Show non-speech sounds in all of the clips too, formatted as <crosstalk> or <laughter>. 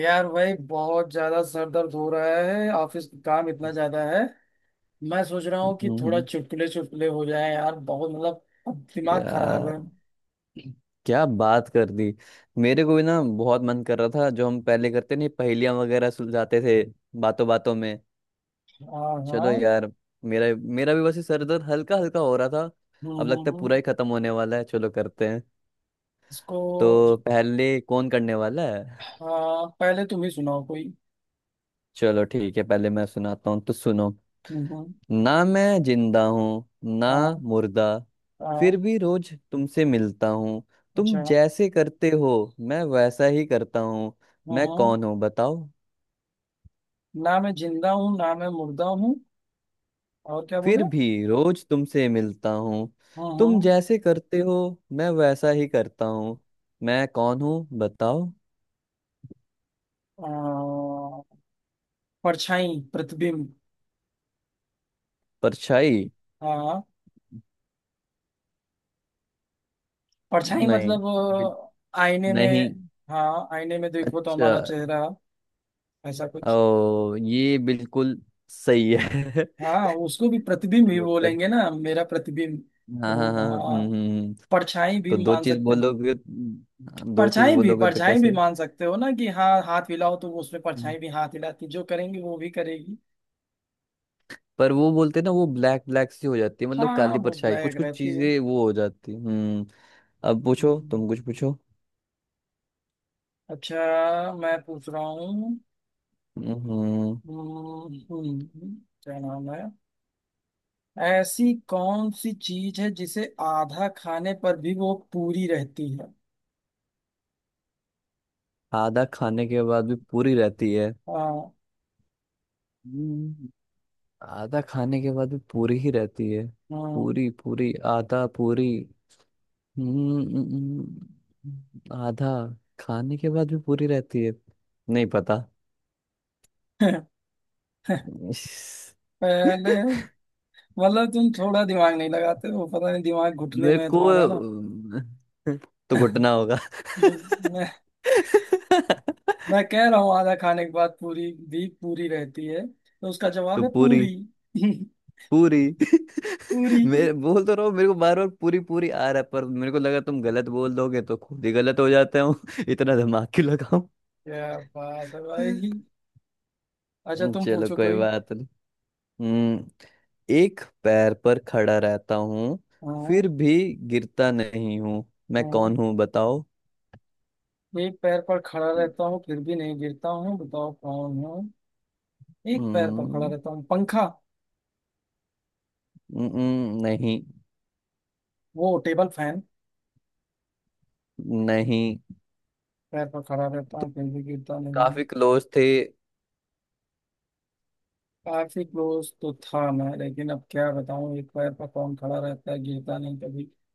यार भाई बहुत ज्यादा सर दर्द हो रहा है। ऑफिस का काम इतना ज्यादा है। मैं सोच रहा हूँ कि थोड़ा हम्म, चुटकुले चुटकुले हो जाए। यार बहुत मतलब अब दिमाग खराब यार, है। क्या बात कर दी। मेरे को भी ना बहुत मन कर रहा था। जो हम पहले करते नहीं, पहेलियां वगैरह सुलझाते थे बातों बातों में। हाँ हाँ। चलो यार। मेरा मेरा भी बस ये सर दर्द हल्का हल्का हो रहा था। हम्म अब हम्म लगता है पूरा हम्म। ही खत्म होने वाला है, चलो करते हैं। इसको तो जी- पहले कौन करने वाला है? हाँ, पहले तुम ही सुनाओ कोई। चलो ठीक है, पहले मैं सुनाता हूँ तो सुनो। हम्म हम्म, ना मैं जिंदा हूँ ना हाँ मुर्दा, फिर हाँ। भी रोज तुमसे मिलता हूँ। तुम अच्छा। जैसे करते हो मैं वैसा ही करता हूँ। मैं हम्म। कौन हूँ बताओ? ना मैं जिंदा हूँ, ना मैं मुर्दा हूँ। और क्या बोले? फिर भी रोज तुमसे मिलता हूँ। हम्म तुम हम्म जैसे करते हो मैं वैसा ही करता हूँ। मैं कौन हूँ बताओ? आ, परछाई, प्रतिबिंब। परछाई। हाँ, परछाई नहीं। मतलब बिल- आईने में। नहीं। हाँ, आईने में देखो तो अच्छा। हमारा चेहरा, ऐसा कुछ। ओ ये बिल्कुल सही है। <laughs> हाँ, उसको भी प्रतिबिंब सही ही उत्तर। बोलेंगे ना, मेरा प्रतिबिंब। हाँ वो हाँ हाँ, हाँ, परछाई भी तो दो मान चीज सकते हैं। बोलोगे? दो चीज परछाई भी, बोलोगे तो परछाई भी कैसे? मान सकते हो ना कि हाँ, हाथ हिलाओ तो वो उसमें हम्म। परछाई भी हाथ हिलाती, जो करेंगी वो भी करेगी। पर वो बोलते हैं ना, वो ब्लैक ब्लैक सी हो जाती है, मतलब हाँ, काली वो परछाई। कुछ ब्लैक कुछ रहती है। चीजें वो हो जाती है। हम्म। अब पूछो, हम्म, तुम कुछ पूछो। अच्छा, मैं पूछ रहा हूँ। हम्म। हम्म, हम्म, क्या नाम है? ऐसी कौन सी चीज है जिसे आधा खाने पर भी वो पूरी रहती है? आधा खाने के बाद भी पूरी रहती है। हाँ हम्म, आधा खाने के बाद भी पूरी ही रहती है। हाँ। पूरी पूरी आधा पूरी। आधा खाने के बाद भी पूरी रहती है। नहीं पता। <laughs> पहले <laughs> मतलब तुम थोड़ा दिमाग नहीं लगाते हो, पता नहीं दिमाग घुटने मेरे में है को तुम्हारा ना। <laughs> तो <laughs> घुटना होगा। <laughs> मैं मैं कह रहा हूँ आधा खाने के बाद पूरी भी पूरी रहती है, तो उसका जवाब तो है पूरी। पूरी। <laughs> पूरी। <laughs> पूरी। मैं बोल तो रहा हूँ, मेरे को बार बार पूरी पूरी आ रहा है, पर मेरे को लगा तुम गलत बोल दोगे तो खुद ही गलत हो जाता हूँ। <laughs> इतना दिमाग क्यों लगाऊं? क्या बात है <laughs> भाई। अच्छा, तुम चलो, पूछो कोई कोई। बात नहीं। हम्म। एक पैर पर खड़ा रहता हूँ, हाँ फिर भी गिरता नहीं हूँ। मैं हाँ, कौन हूँ बताओ? एक पैर पर खड़ा रहता हूँ फिर भी नहीं गिरता हूँ, बताओ कौन हूँ। एक पैर पर खड़ा हम्म रहता हूँ, पंखा। नहीं। वो टेबल फैन। नहीं। पैर पर खड़ा रहता हूँ, कहीं भी गिरता नहीं हूँ। काफी क्लोज थे। काफी क्लोज तो था मैं, लेकिन अब क्या बताऊँ, एक पैर पर कौन खड़ा रहता है गिरता नहीं कभी। क्या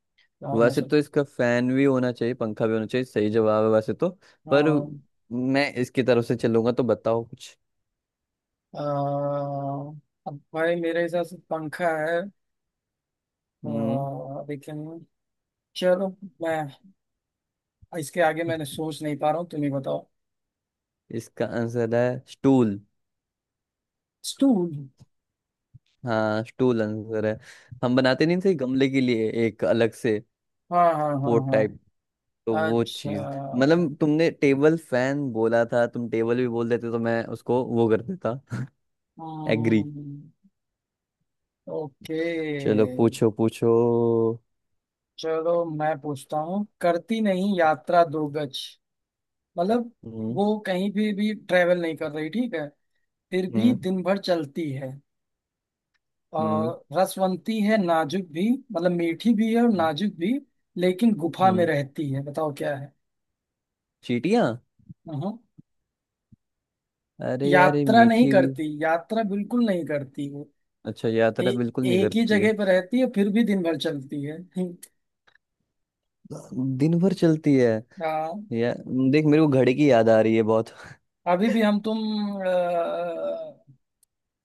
हो वैसे तो सकता। इसका फैन भी होना चाहिए, पंखा भी होना चाहिए, सही जवाब है वैसे तो। पर हाँ, मैं इसकी तरफ से चलूंगा तो बताओ कुछ। अ, अब भाई मेरे हिसाब से पंखा है। हम्म। लेकिन चलो, मैं इसके आगे मैंने सोच नहीं पा रहा हूँ, तुम ही बताओ। इसका आंसर है स्टूल। स्टूल। हाँ, स्टूल आंसर है। हम बनाते नहीं थे गमले के लिए एक अलग से हाँ हाँ हाँ पोर्ट टाइप? हाँ। तो वो चीज। अच्छा। मतलब तुमने टेबल फैन बोला था, तुम टेबल भी बोल देते तो मैं उसको वो कर देता। <laughs> एग्री। हम्म, ओके। चलो पूछो पूछो। चलो मैं पूछता हूँ, करती नहीं यात्रा दो गज, मतलब हम्म वो कहीं भी ट्रेवल नहीं कर रही, ठीक है, फिर भी हम्म दिन भर चलती है। हम्म और रसवंती है, नाजुक भी, मतलब मीठी भी है और नाजुक भी, लेकिन गुफा में हम्म, रहती है। बताओ क्या है। चीटियां। हाँ, अरे यार, ये यात्रा नहीं मीठी भी? करती, यात्रा बिल्कुल नहीं करती वो। अच्छा, यात्रा ए, बिल्कुल नहीं एक ही करती है। जगह पर रहती है फिर भी दिन भर चलती है। <laughs> दिन भर चलती है? हाँ, या देख, मेरे को घड़ी की याद आ रही है बहुत। अभी भी हम तुम,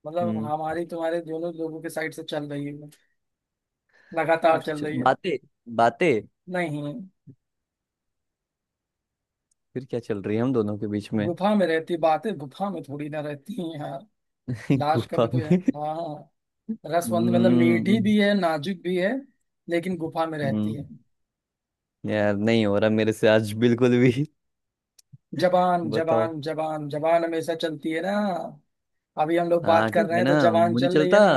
मतलब हम्म। हमारी तुम्हारे दोनों लोगों के साइड से चल रही है, लगातार चल रही है। बातें। बातें। नहीं, फिर क्या चल रही है हम दोनों के बीच में? गुफा में रहती, बातें गुफा में थोड़ी ना रहती हैं यार। <laughs> लाश का गुफा भी तो में? यार। हाँ, रसवंद मतलब मीठी हम्म भी है, नाजुक भी है, लेकिन गुफा में रहती हम्म, है। यार नहीं हो रहा मेरे से आज बिल्कुल भी। <laughs> जबान, बताओ। जबान जबान जबान हमेशा चलती है ना, अभी हम लोग बात हाँ कर ठीक रहे है हैं ना, तो जबान मुझे नहीं चल रही चलता। है ना।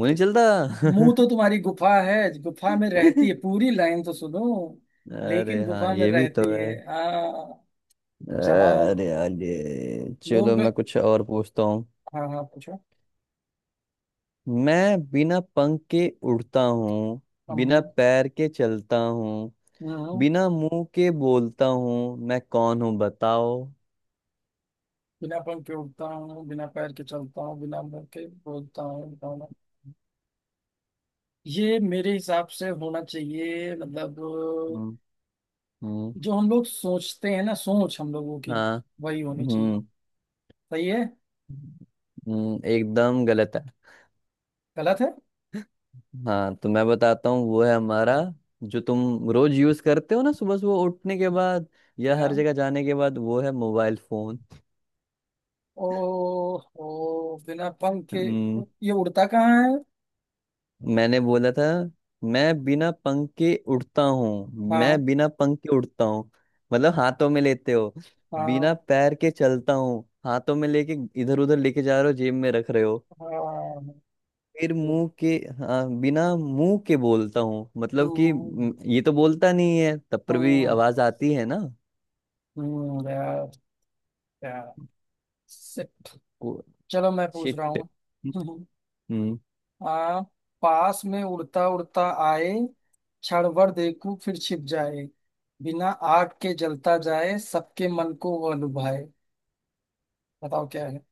मुझे नहीं चलता। मुंह तो तुम्हारी गुफा है, गुफा में रहती है, पूरी लाइन तो सुनो, <laughs> लेकिन अरे हाँ, गुफा में ये भी तो रहती है। है। हाँ, जबान अरे यार ये, चलो लोग। मैं कुछ और पूछता हूँ। हाँ हाँ, पूछो। मैं बिना पंख के उड़ता हूँ, बिना हम। पैर के चलता हूँ, हम्म, बिना मुंह के बोलता हूँ। मैं कौन हूँ बताओ? बिना पंख के उड़ता हूँ, बिना पैर के चलता हूँ, बिना मुंह के बोलता हूँ, गाना। ये मेरे हिसाब से होना चाहिए, मतलब हम्म हम्म, जो हम लोग सोचते हैं ना, सोच हम लोगों की हाँ वही होनी चाहिए। हम्म सही है। एकदम गलत है। गलत है। हाँ, तो मैं बताता हूँ। वो है हमारा, जो तुम रोज यूज करते हो ना सुबह सुबह उठने के बाद या क्या? हर जगह जाने के बाद, वो है मोबाइल फोन। ओ। ओ, बिना पंख के ये उड़ता कहाँ है। मैंने बोला था, मैं बिना पंख के उड़ता हूँ। मैं हाँ बिना पंख के उड़ता हूँ मतलब हाथों में लेते हो। हाँ बिना पैर के चलता हूँ हाथों में लेके, इधर उधर लेके जा रहे हो, जेब में रख रहे हो। हाँ। फिर मुंह के, हाँ बिना मुंह के बोलता हूँ मतलब कि हम्म ये तो बोलता नहीं है तब पर भी हम्म आवाज आती है ना। यार, यार, shit। चलो मैं पूछ शिट। रहा हूँ। हम्म। <laughs> आ, पास में उड़ता उड़ता आए, क्षण भर देखूं फिर छिप जाए, बिना आग के जलता जाए, सबके मन को वह लुभाए। बताओ क्या है।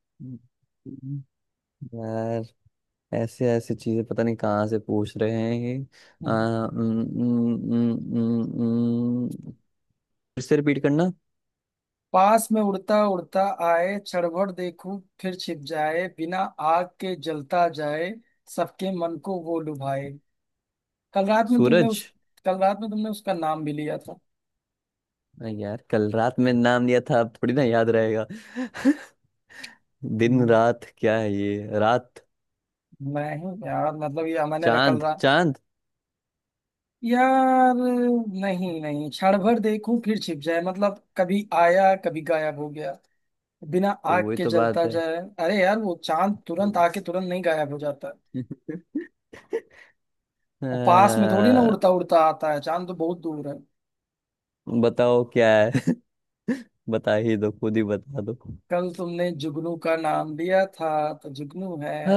यार ऐसे ऐसे चीजें पता नहीं कहाँ से पूछ रहे हैं ये। आ, <laughs> उम, उम, उम, उम, उम, फिर से रिपीट करना। पास में उड़ता उड़ता आए, क्षण भर देखूं फिर छिप जाए, बिना आग के जलता जाए, सबके मन को वो लुभाए। कल रात में तुमने उस, सूरज। कल रात में तुमने उसका नाम भी लिया था। <laughs> अरे यार, कल रात में नाम लिया था अब थोड़ी ना याद रहेगा। <laughs> दिन हम्म, रात क्या है ये, रात? नहीं यार, मतलब ये मैंने रखल चांद, चांद। यार। नहीं नहीं, क्षण भर देखूं फिर छिप जाए मतलब कभी आया कभी गायब हो गया, बिना तो आग वही के तो बात जलता है। जाए। अरे यार, वो चांद तुरंत आके तुरंत नहीं गायब हो जाता, <laughs> और पास में थोड़ी ना आ, उड़ता उड़ता आता है, चांद तो बहुत दूर है। बताओ क्या है? <laughs> बता ही दो, खुद ही बता दो। कल तुमने जुगनू का नाम लिया था, तो जुगनू है। आ,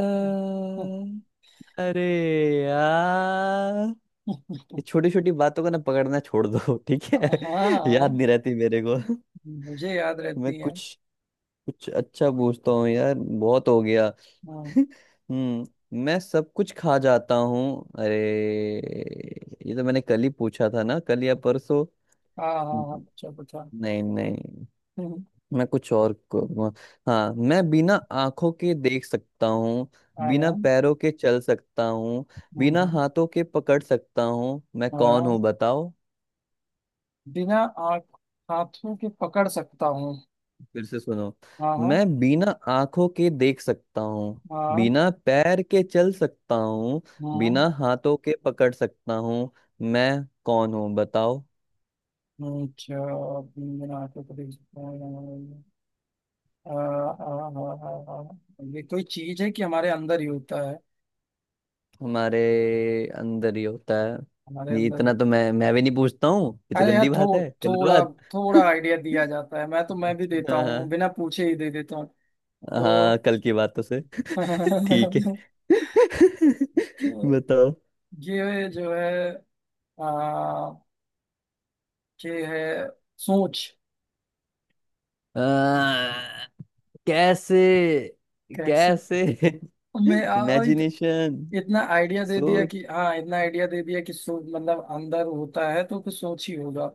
<laughs> अरे यार, ये छोटी छोटी बातों को ना पकड़ना छोड़ दो। <laughs> ठीक है। याद नहीं हाँ, रहती मेरे को। <laughs> मुझे याद मैं रहती है। कुछ कुछ अच्छा पूछता हूँ यार, बहुत हो गया। हाँ <laughs> हम्म। मैं सब कुछ खा जाता हूँ। अरे, ये तो मैंने कल ही पूछा था ना, कल या परसों? हाँ हाँ, हाँ, नहीं, पूछो पूछो। <laughs> नहीं, हाँ मैं कुछ और को- हाँ मैं बिना आंखों के देख सकता हूँ, हाँ हाँ। बिना पैरों के चल सकता हूँ, बिना हम्म, हाथों के पकड़ सकता हूँ। मैं कौन हूँ हाँ, बताओ? बिना आँख, हाथों के पकड़ सकता हूँ। फिर से सुनो। हाँ हाँ। मैं बिना आंखों के देख सकता हूँ, हाँ बिना पैर के चल सकता हूँ, हाँ हाँ, बिना हाथों के पकड़ सकता हूँ। मैं कौन हूँ बताओ? अच्छा, बिना आँखों के देख सकता हूँ। आ, आ, आ, आ, आ, ये कोई चीज है कि हमारे अंदर ही होता है, हमारे अंदर ही होता है? हमारे ये अंदर ही। इतना तो मैं भी नहीं पूछता हूँ, ये तो अरे यार, गंदी बात है, गलत थोड़ा बात। थोड़ा आइडिया दिया <laughs> जाता है, मैं भी देता हूँ, हाँ बिना पूछे ही दे देता हूँ हाँ, तो। कल की बातों से। <laughs> ठीक है। <laughs> <laughs> तो बताओ। ये जो है, आ, ये है सोच। आ, कैसे? कैसे? कैसे? मैं <laughs> अभी इमेजिनेशन, इतना आइडिया दे दिया सोच। कि हाँ, इतना आइडिया दे दिया कि सो मतलब अंदर होता है तो कुछ सोच ही होगा।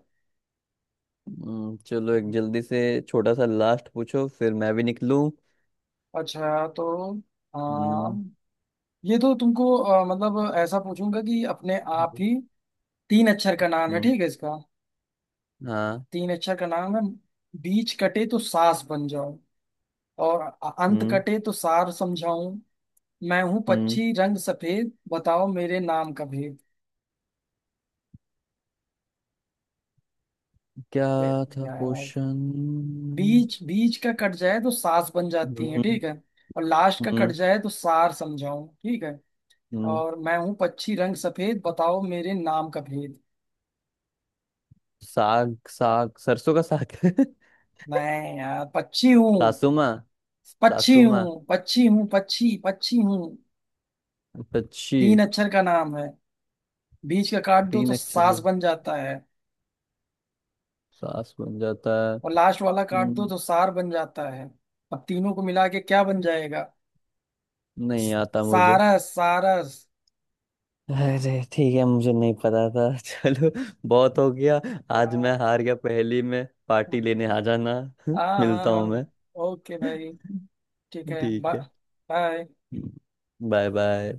चलो एक जल्दी से छोटा सा लास्ट पूछो फिर मैं भी निकलूं। अच्छा तो हाँ, हम्म ये तो तुमको मतलब ऐसा पूछूंगा कि अपने आप ही, तीन अक्षर का नाम है, हम्म, ठीक है इसका। हाँ तीन अक्षर का नाम है, बीच कटे तो सास बन जाऊं, और अंत हम्म कटे तो सार समझाऊं, मैं हूँ हम्म। पक्षी रंग सफेद, बताओ मेरे नाम का भेद। क्या था यार क्वेश्चन? बीच, बीच का कट जाए तो सास बन जाती है, हम्म ठीक है, और लास्ट का कट हम्म जाए तो सार समझाऊं, ठीक है, हम्म, और मैं हूँ पक्षी रंग सफेद, बताओ मेरे नाम का भेद। साग साग सरसों का साग। <laughs> मैं यार पक्षी हूँ, सासुमा। पक्षी सासुमा हूँ, पक्षी हूँ, पक्षी पक्षी हूँ। अच्छी। तीन अक्षर का नाम है, बीच का काट दो तो तीन अक्षर सास में बन जाता है, सास बन जाता है? और लास्ट वाला काट दो हम्म, तो सार बन जाता है, अब तीनों को मिला के क्या बन जाएगा। नहीं स- आता मुझे। सारस, सारस। अरे ठीक है, मुझे नहीं पता था। <laughs> चलो, बहुत हो गया। आज मैं हाँ हार गया पहेली में, पार्टी लेने आ जाना। <laughs> हाँ मिलता हाँ। हूँ मैं। ओके भाई, ठीक <laughs> है, ठीक है, बाय। Bye bye.